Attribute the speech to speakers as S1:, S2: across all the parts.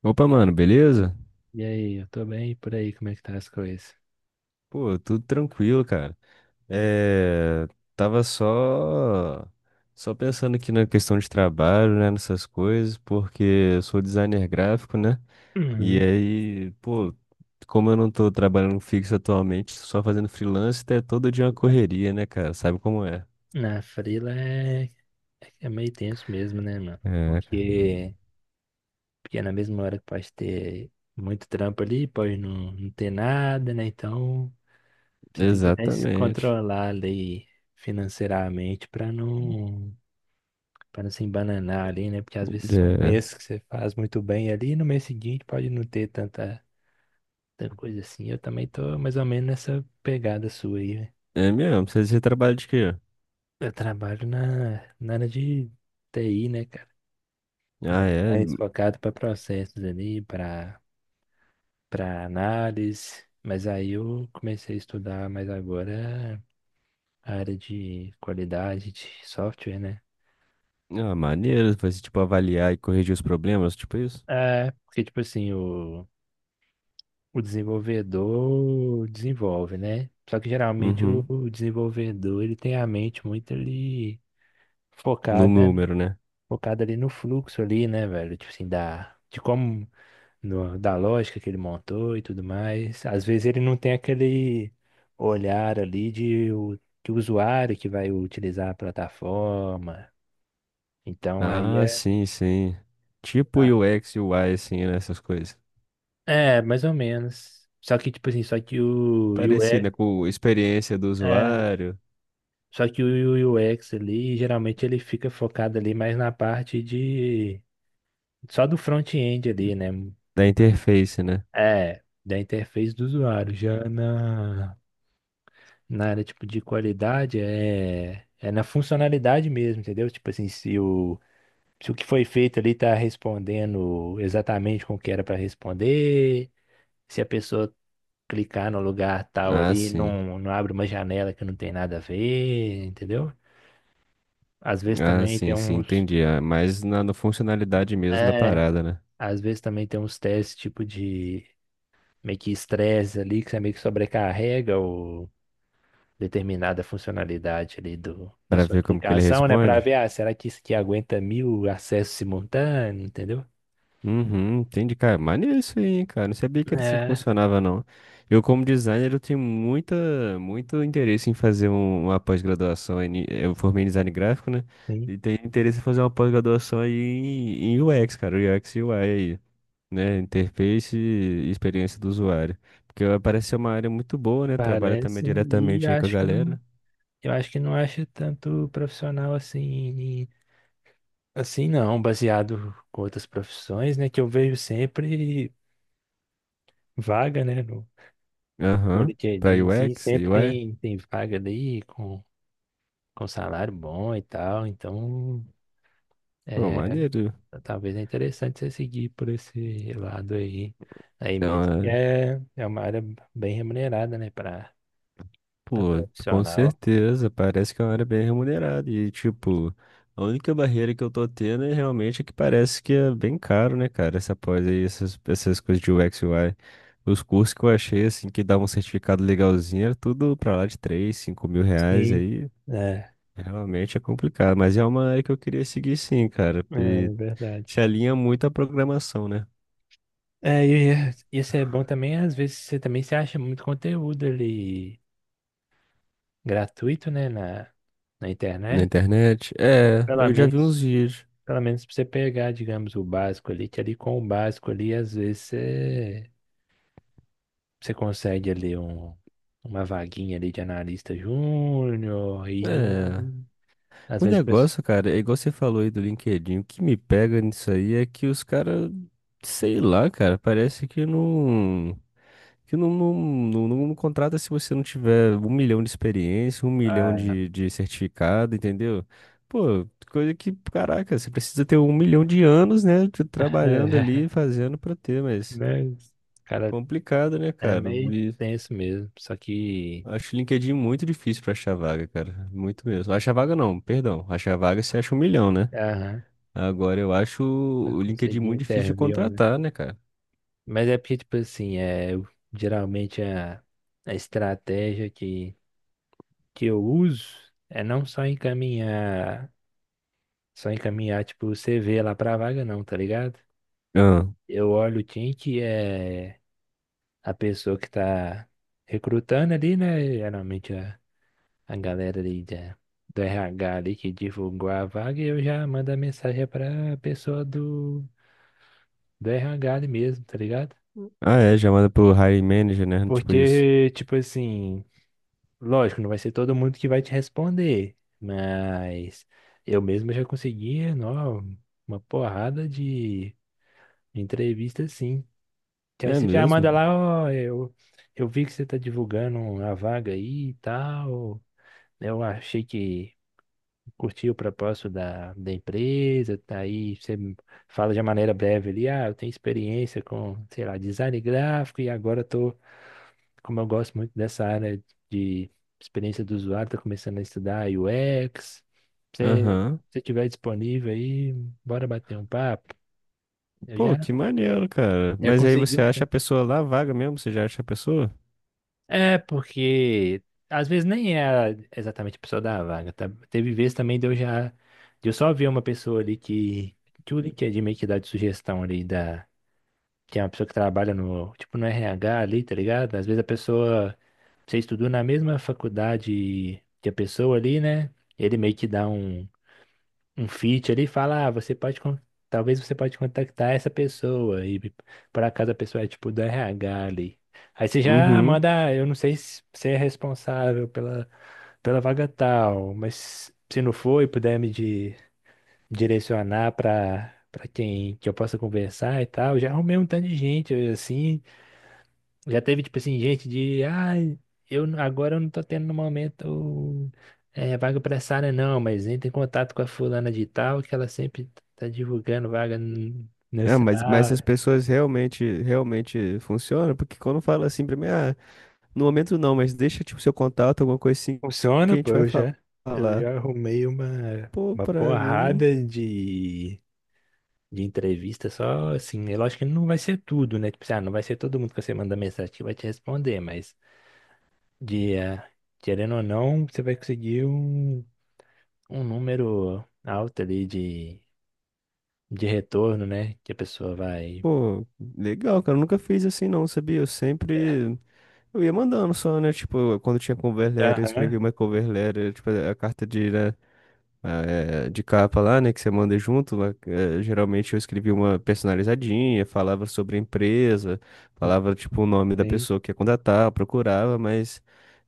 S1: Opa, mano, beleza?
S2: E aí, eu tô bem? E por aí, como é que tá as coisas?
S1: Pô, tudo tranquilo, cara. É, tava só pensando aqui na questão de trabalho, né, nessas coisas, porque eu sou designer gráfico, né? E
S2: Uhum.
S1: aí, pô, como eu não tô trabalhando fixo atualmente, só fazendo freelance, é todo dia uma correria, né, cara? Sabe como é?
S2: Na frila é, é meio tenso mesmo, né, mano?
S1: É, cara.
S2: Porque é na mesma hora que pode ter muito trampo ali, pode não ter nada, né? Então você tem que até se
S1: Exatamente.
S2: controlar ali financeiramente pra não, para não se embananar ali, né? Porque às vezes um mês que você faz muito bem ali, no mês seguinte pode não ter tanta coisa assim. Eu também tô mais ou menos nessa pegada sua aí.
S1: É, é mesmo, você trabalha de quê?
S2: Eu trabalho na área de TI, né, cara?
S1: Ah,
S2: Mas
S1: é.
S2: mais focado para processos ali, para análise. Mas aí eu comecei a estudar mais agora a área de qualidade de software, né?
S1: Ah,
S2: Pô.
S1: maneiro, vai ser tipo avaliar e corrigir os problemas, tipo isso?
S2: É, porque, tipo assim, o desenvolvedor desenvolve, né? Só que geralmente o,
S1: Uhum.
S2: o desenvolvedor, ele tem a mente muito ali
S1: No
S2: focada,
S1: número, né?
S2: focada ali no fluxo ali, né, velho? Tipo assim, da, de como da lógica que ele montou e tudo mais. Às vezes ele não tem aquele olhar ali de de usuário que vai utilizar a plataforma. Então aí
S1: Ah,
S2: é.
S1: sim, sim. Tipo
S2: ah,
S1: U X, e UI, assim, né? Essas coisas.
S2: É, mais ou menos. Só que, tipo assim, só que o
S1: Parecido,
S2: UX,
S1: né? Com experiência do
S2: é,
S1: usuário,
S2: só que o UX ali, geralmente ele fica focado ali mais na parte de. Só do front-end ali, né?
S1: da interface, né?
S2: É, da interface do usuário. Já na. Na área tipo de qualidade é na funcionalidade mesmo, entendeu? Tipo assim, se o que foi feito ali tá respondendo exatamente com o que era para responder, se a pessoa clicar no lugar tal
S1: Ah,
S2: ali,
S1: sim.
S2: não abre uma janela que não tem nada a ver, entendeu? Às vezes
S1: Ah,
S2: também tem
S1: sim, sim,
S2: uns
S1: entendi. Ah, mas na funcionalidade mesmo da
S2: é,
S1: parada, né?
S2: Às vezes também tem uns testes tipo de meio que estresse ali que você meio que sobrecarrega o determinada funcionalidade ali do, da
S1: Pra
S2: sua
S1: ver como que ele
S2: aplicação, né? Para
S1: responde.
S2: ver, ah, será que isso aqui aguenta 1.000 acessos simultâneos, entendeu?
S1: Uhum, entendi, cara. Maneiro isso aí, hein, cara. Não sabia que era assim que
S2: É,
S1: funcionava, não. Eu, como designer, eu tenho muita, muito interesse em fazer uma pós-graduação. Eu formei em design gráfico, né?
S2: sim,
S1: E tenho interesse em fazer uma pós-graduação aí em UX, cara. UX e UI aí, né? Interface e experiência do usuário. Porque parece ser uma área muito boa, né? Trabalha também
S2: parece. E
S1: diretamente aí com a
S2: acho que não,
S1: galera.
S2: eu acho que não acho tanto profissional assim, assim não, baseado com outras profissões, né? Que eu vejo sempre vaga, né? No, no
S1: Aham. Pra
S2: LinkedIn, assim,
S1: UX e
S2: sempre
S1: UI.
S2: tem, tem vaga ali com salário bom e tal, então.
S1: Pô,
S2: é,
S1: maneiro.
S2: Talvez é interessante você seguir por esse lado aí, aí mesmo. Que É, é uma área bem remunerada, né, para
S1: Pô, com
S2: profissional.
S1: certeza, parece que é uma área bem remunerada. E, tipo, a única barreira que eu tô tendo é realmente é que parece que é bem caro, né, cara? Essa pós aí, essas, essas coisas de UX e UI. Os cursos que eu achei, assim, que davam um certificado legalzinho, era tudo pra lá de três, cinco mil R$.
S2: Sim,
S1: Aí
S2: é,
S1: realmente é complicado. Mas é uma área que eu queria seguir, sim, cara. E
S2: é
S1: se
S2: verdade.
S1: alinha muito à programação, né?
S2: É, e isso é bom também, às vezes você também se acha muito conteúdo ali gratuito, né, na
S1: Na
S2: internet.
S1: internet? É,
S2: Pelo
S1: eu já vi uns
S2: menos,
S1: vídeos.
S2: pelo menos para você pegar, digamos, o básico ali, que ali com o básico ali, às vezes você você consegue ali um, uma vaguinha ali de analista júnior e
S1: É.
S2: às
S1: O
S2: vezes o pessoal.
S1: negócio, cara, é igual você falou aí do LinkedIn. O que me pega nisso aí é que os caras, sei lá, cara, parece que não. Que não contrata se você não tiver um milhão de experiência, um milhão
S2: Ah,
S1: de certificado, entendeu? Pô, coisa que, caraca, você precisa ter um milhão de anos, né, trabalhando ali, fazendo pra ter, mas
S2: né? Cara,
S1: complicado, né,
S2: é
S1: cara?
S2: meio
S1: E
S2: tenso mesmo. Só que.
S1: acho o LinkedIn muito difícil pra achar vaga, cara, muito mesmo. Achar vaga não, perdão, achar vaga você acha um milhão, né?
S2: Aham,
S1: Agora eu acho
S2: pra
S1: o LinkedIn
S2: conseguir
S1: muito difícil de
S2: interview, né?
S1: contratar, né, cara?
S2: Mas é porque, tipo assim, geralmente a estratégia que eu uso é não só encaminhar, só encaminhar, tipo, o CV lá pra vaga, não, tá ligado?
S1: Ah,
S2: Eu olho o time que é. A pessoa que tá recrutando ali, né? Geralmente a galera ali da, do RH ali que divulgou a vaga, eu já mando a mensagem pra pessoa do, do RH ali mesmo, tá ligado?
S1: É, chamada pro hiring manager, né? Tipo isso.
S2: Porque, tipo assim, lógico, não vai ser todo mundo que vai te responder, mas eu mesmo já consegui, não, uma porrada de entrevista assim. Que aí
S1: É
S2: você já
S1: mesmo?
S2: manda lá, ó, eu vi que você tá divulgando a vaga aí e tal. Né, Eu achei que curti o propósito da, da empresa, tá aí você fala de uma maneira breve ali, ah, eu tenho experiência com, sei lá, design gráfico e agora eu tô, como eu gosto muito dessa área de experiência do usuário, tô começando a estudar UX. Se
S1: Aham.
S2: você estiver disponível aí, bora bater um papo. Eu
S1: Pô,
S2: já,
S1: que maneiro, cara.
S2: Já
S1: Mas aí
S2: consegui
S1: você
S2: um.
S1: acha a pessoa lá, a vaga mesmo? Você já acha a pessoa?
S2: É, porque às vezes nem é exatamente a pessoa da vaga, tá? Teve vezes também de eu só ver uma pessoa ali que o LinkedIn meio que dá de sugestão ali da, que é uma pessoa que trabalha no, tipo, no RH ali, tá ligado? Às vezes a pessoa, você estudou na mesma faculdade que a pessoa ali, né? Ele meio que dá um, um feat ali e fala, ah, você pode, talvez você pode contactar essa pessoa e por acaso a pessoa é tipo do RH ali. Aí você já
S1: Uhum.
S2: manda, eu não sei se você é responsável pela, pela vaga tal, mas se não for e puder direcionar para quem que eu possa conversar e tal, já arrumei um tanto de gente assim, já teve, tipo assim, gente de, ah, agora eu não tô tendo no momento vaga pra essa área, não, mas entra em contato com a fulana de tal, que ela sempre tá divulgando vaga
S1: Ah,
S2: nessa
S1: mas essas
S2: área.
S1: pessoas realmente, realmente funcionam? Porque quando fala assim pra mim, ah, no momento não, mas deixa, tipo, seu contato, alguma coisa assim que a
S2: Funciona, pô,
S1: gente vai
S2: eu
S1: falar.
S2: já arrumei
S1: Pô,
S2: uma
S1: pra mim,
S2: porrada de entrevista só, assim, é lógico que não vai ser tudo, né? Tipo assim, ah, não vai ser todo mundo que você manda mensagem que vai te responder, mas de, ah, querendo ou não, você vai conseguir um um número alto ali de retorno, né? Que a pessoa vai.
S1: pô, legal, cara, eu nunca fiz assim não, sabia? Eu sempre eu ia mandando só, né? Tipo, quando tinha cover letter, eu
S2: Aham,
S1: escrevia uma cover letter, tipo, a carta de, né, a, de capa lá, né, que você manda junto. Lá, geralmente eu escrevia uma personalizadinha, falava sobre a empresa, falava, tipo, o nome da
S2: sim.
S1: pessoa que ia contratar, eu procurava, mas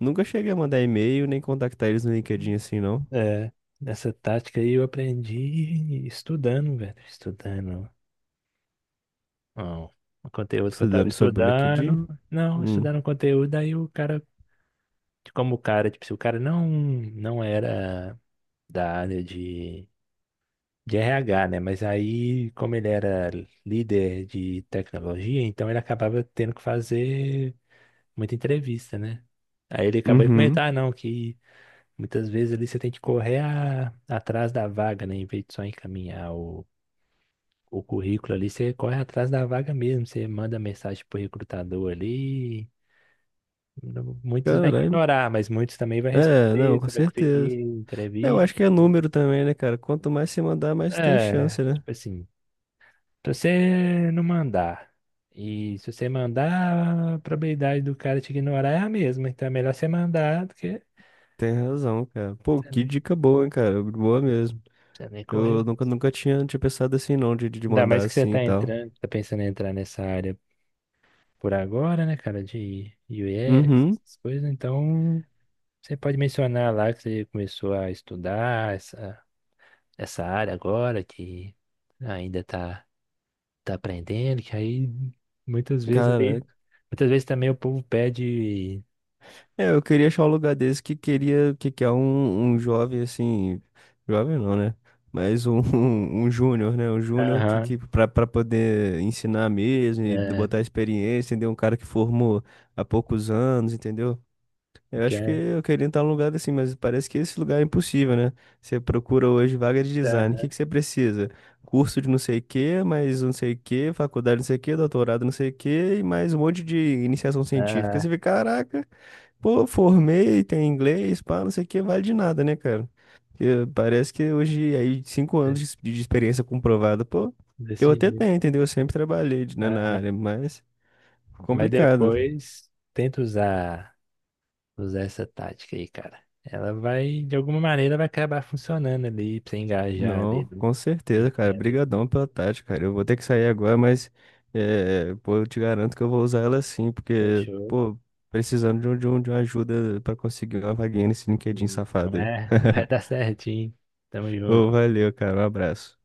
S1: nunca cheguei a mandar e-mail nem contactar eles no LinkedIn assim, não.
S2: É, essa tática aí eu aprendi estudando, velho. Estudando. Ó, o conteúdo que eu tava
S1: Estudando sobre o LinkedIn.
S2: estudando. Não,
S1: Hum.
S2: estudando o conteúdo, aí o cara, como o cara, tipo, se o cara não era da área de RH, né? Mas aí, como ele era líder de tecnologia, então ele acabava tendo que fazer muita entrevista, né? Aí ele acabou de
S1: Uhum.
S2: comentar, ah, não, que muitas vezes ali você tem que correr atrás da vaga, né? Em vez de só encaminhar o currículo ali, você corre atrás da vaga mesmo, você manda mensagem pro recrutador ali. Não- Muitos vai
S1: Caralho.
S2: ignorar, mas muitos também vai
S1: É, não,
S2: responder,
S1: com
S2: você vai
S1: certeza.
S2: conseguir
S1: Eu
S2: entrevista.
S1: acho que é número também, né, cara? Quanto mais você mandar, mais tem
S2: É,
S1: chance, né?
S2: tipo assim, se você não mandar, e se você mandar, a probabilidade do cara te ignorar é a mesma, então é melhor você mandar do que.
S1: Tem razão, cara. Pô, que dica boa, hein, cara. Boa mesmo.
S2: Você nem
S1: Eu
S2: correu.
S1: nunca tinha, tinha pensado assim, não, de
S2: Ainda
S1: mandar
S2: mais que você
S1: assim e
S2: tá
S1: tal.
S2: entrando, tá pensando em entrar nessa área por agora, né, cara, de UX,
S1: Uhum.
S2: essas coisas. Então, você pode mencionar lá que você começou a estudar essa, essa área agora, que ainda tá, tá aprendendo, que aí muitas vezes ali,
S1: Caraca.
S2: muitas vezes também o povo pede,
S1: É, eu queria achar um lugar desse que queria, que quer um, um jovem, assim, jovem não, né? Mas um, um júnior, né? Um júnior
S2: aham,
S1: que pra, pra poder ensinar mesmo e
S2: é,
S1: botar experiência, entendeu? Um cara que formou há poucos anos, entendeu? Eu
S2: porque
S1: acho que
S2: é,
S1: eu queria entrar num lugar assim, mas parece que esse lugar é impossível, né? Você procura hoje vaga de design. O
S2: aham,
S1: que que você precisa? Curso de não sei o quê, mais não sei o quê, faculdade não sei o quê, doutorado não sei o quê, e mais um monte de iniciação científica.
S2: ah,
S1: Você vê, caraca, pô, formei, tem inglês, pá, não sei o quê, vale de nada, né, cara? Porque parece que hoje, aí, 5 anos de experiência comprovada, pô, eu
S2: desse
S1: até
S2: jeito,
S1: tenho, entendeu? Eu sempre trabalhei né, na
S2: aham.
S1: área, mas
S2: Mas
S1: complicado.
S2: depois tenta usar. Usar essa tática aí, cara. Ela vai, de alguma maneira, vai acabar funcionando ali pra você engajar ali
S1: Não,
S2: no
S1: com
S2: em
S1: certeza, cara.
S2: quedas
S1: Brigadão
S2: ali.
S1: pela tática, cara. Eu vou ter que sair agora, mas é, pô, eu te garanto que eu vou usar ela sim, porque,
S2: Fechou.
S1: pô, precisando de, um, de, de uma ajuda pra conseguir uma vaguinha nesse LinkedIn
S2: Não
S1: safado aí.
S2: é? Vai dar certinho. Tamo junto.
S1: Ô, valeu, cara. Um abraço.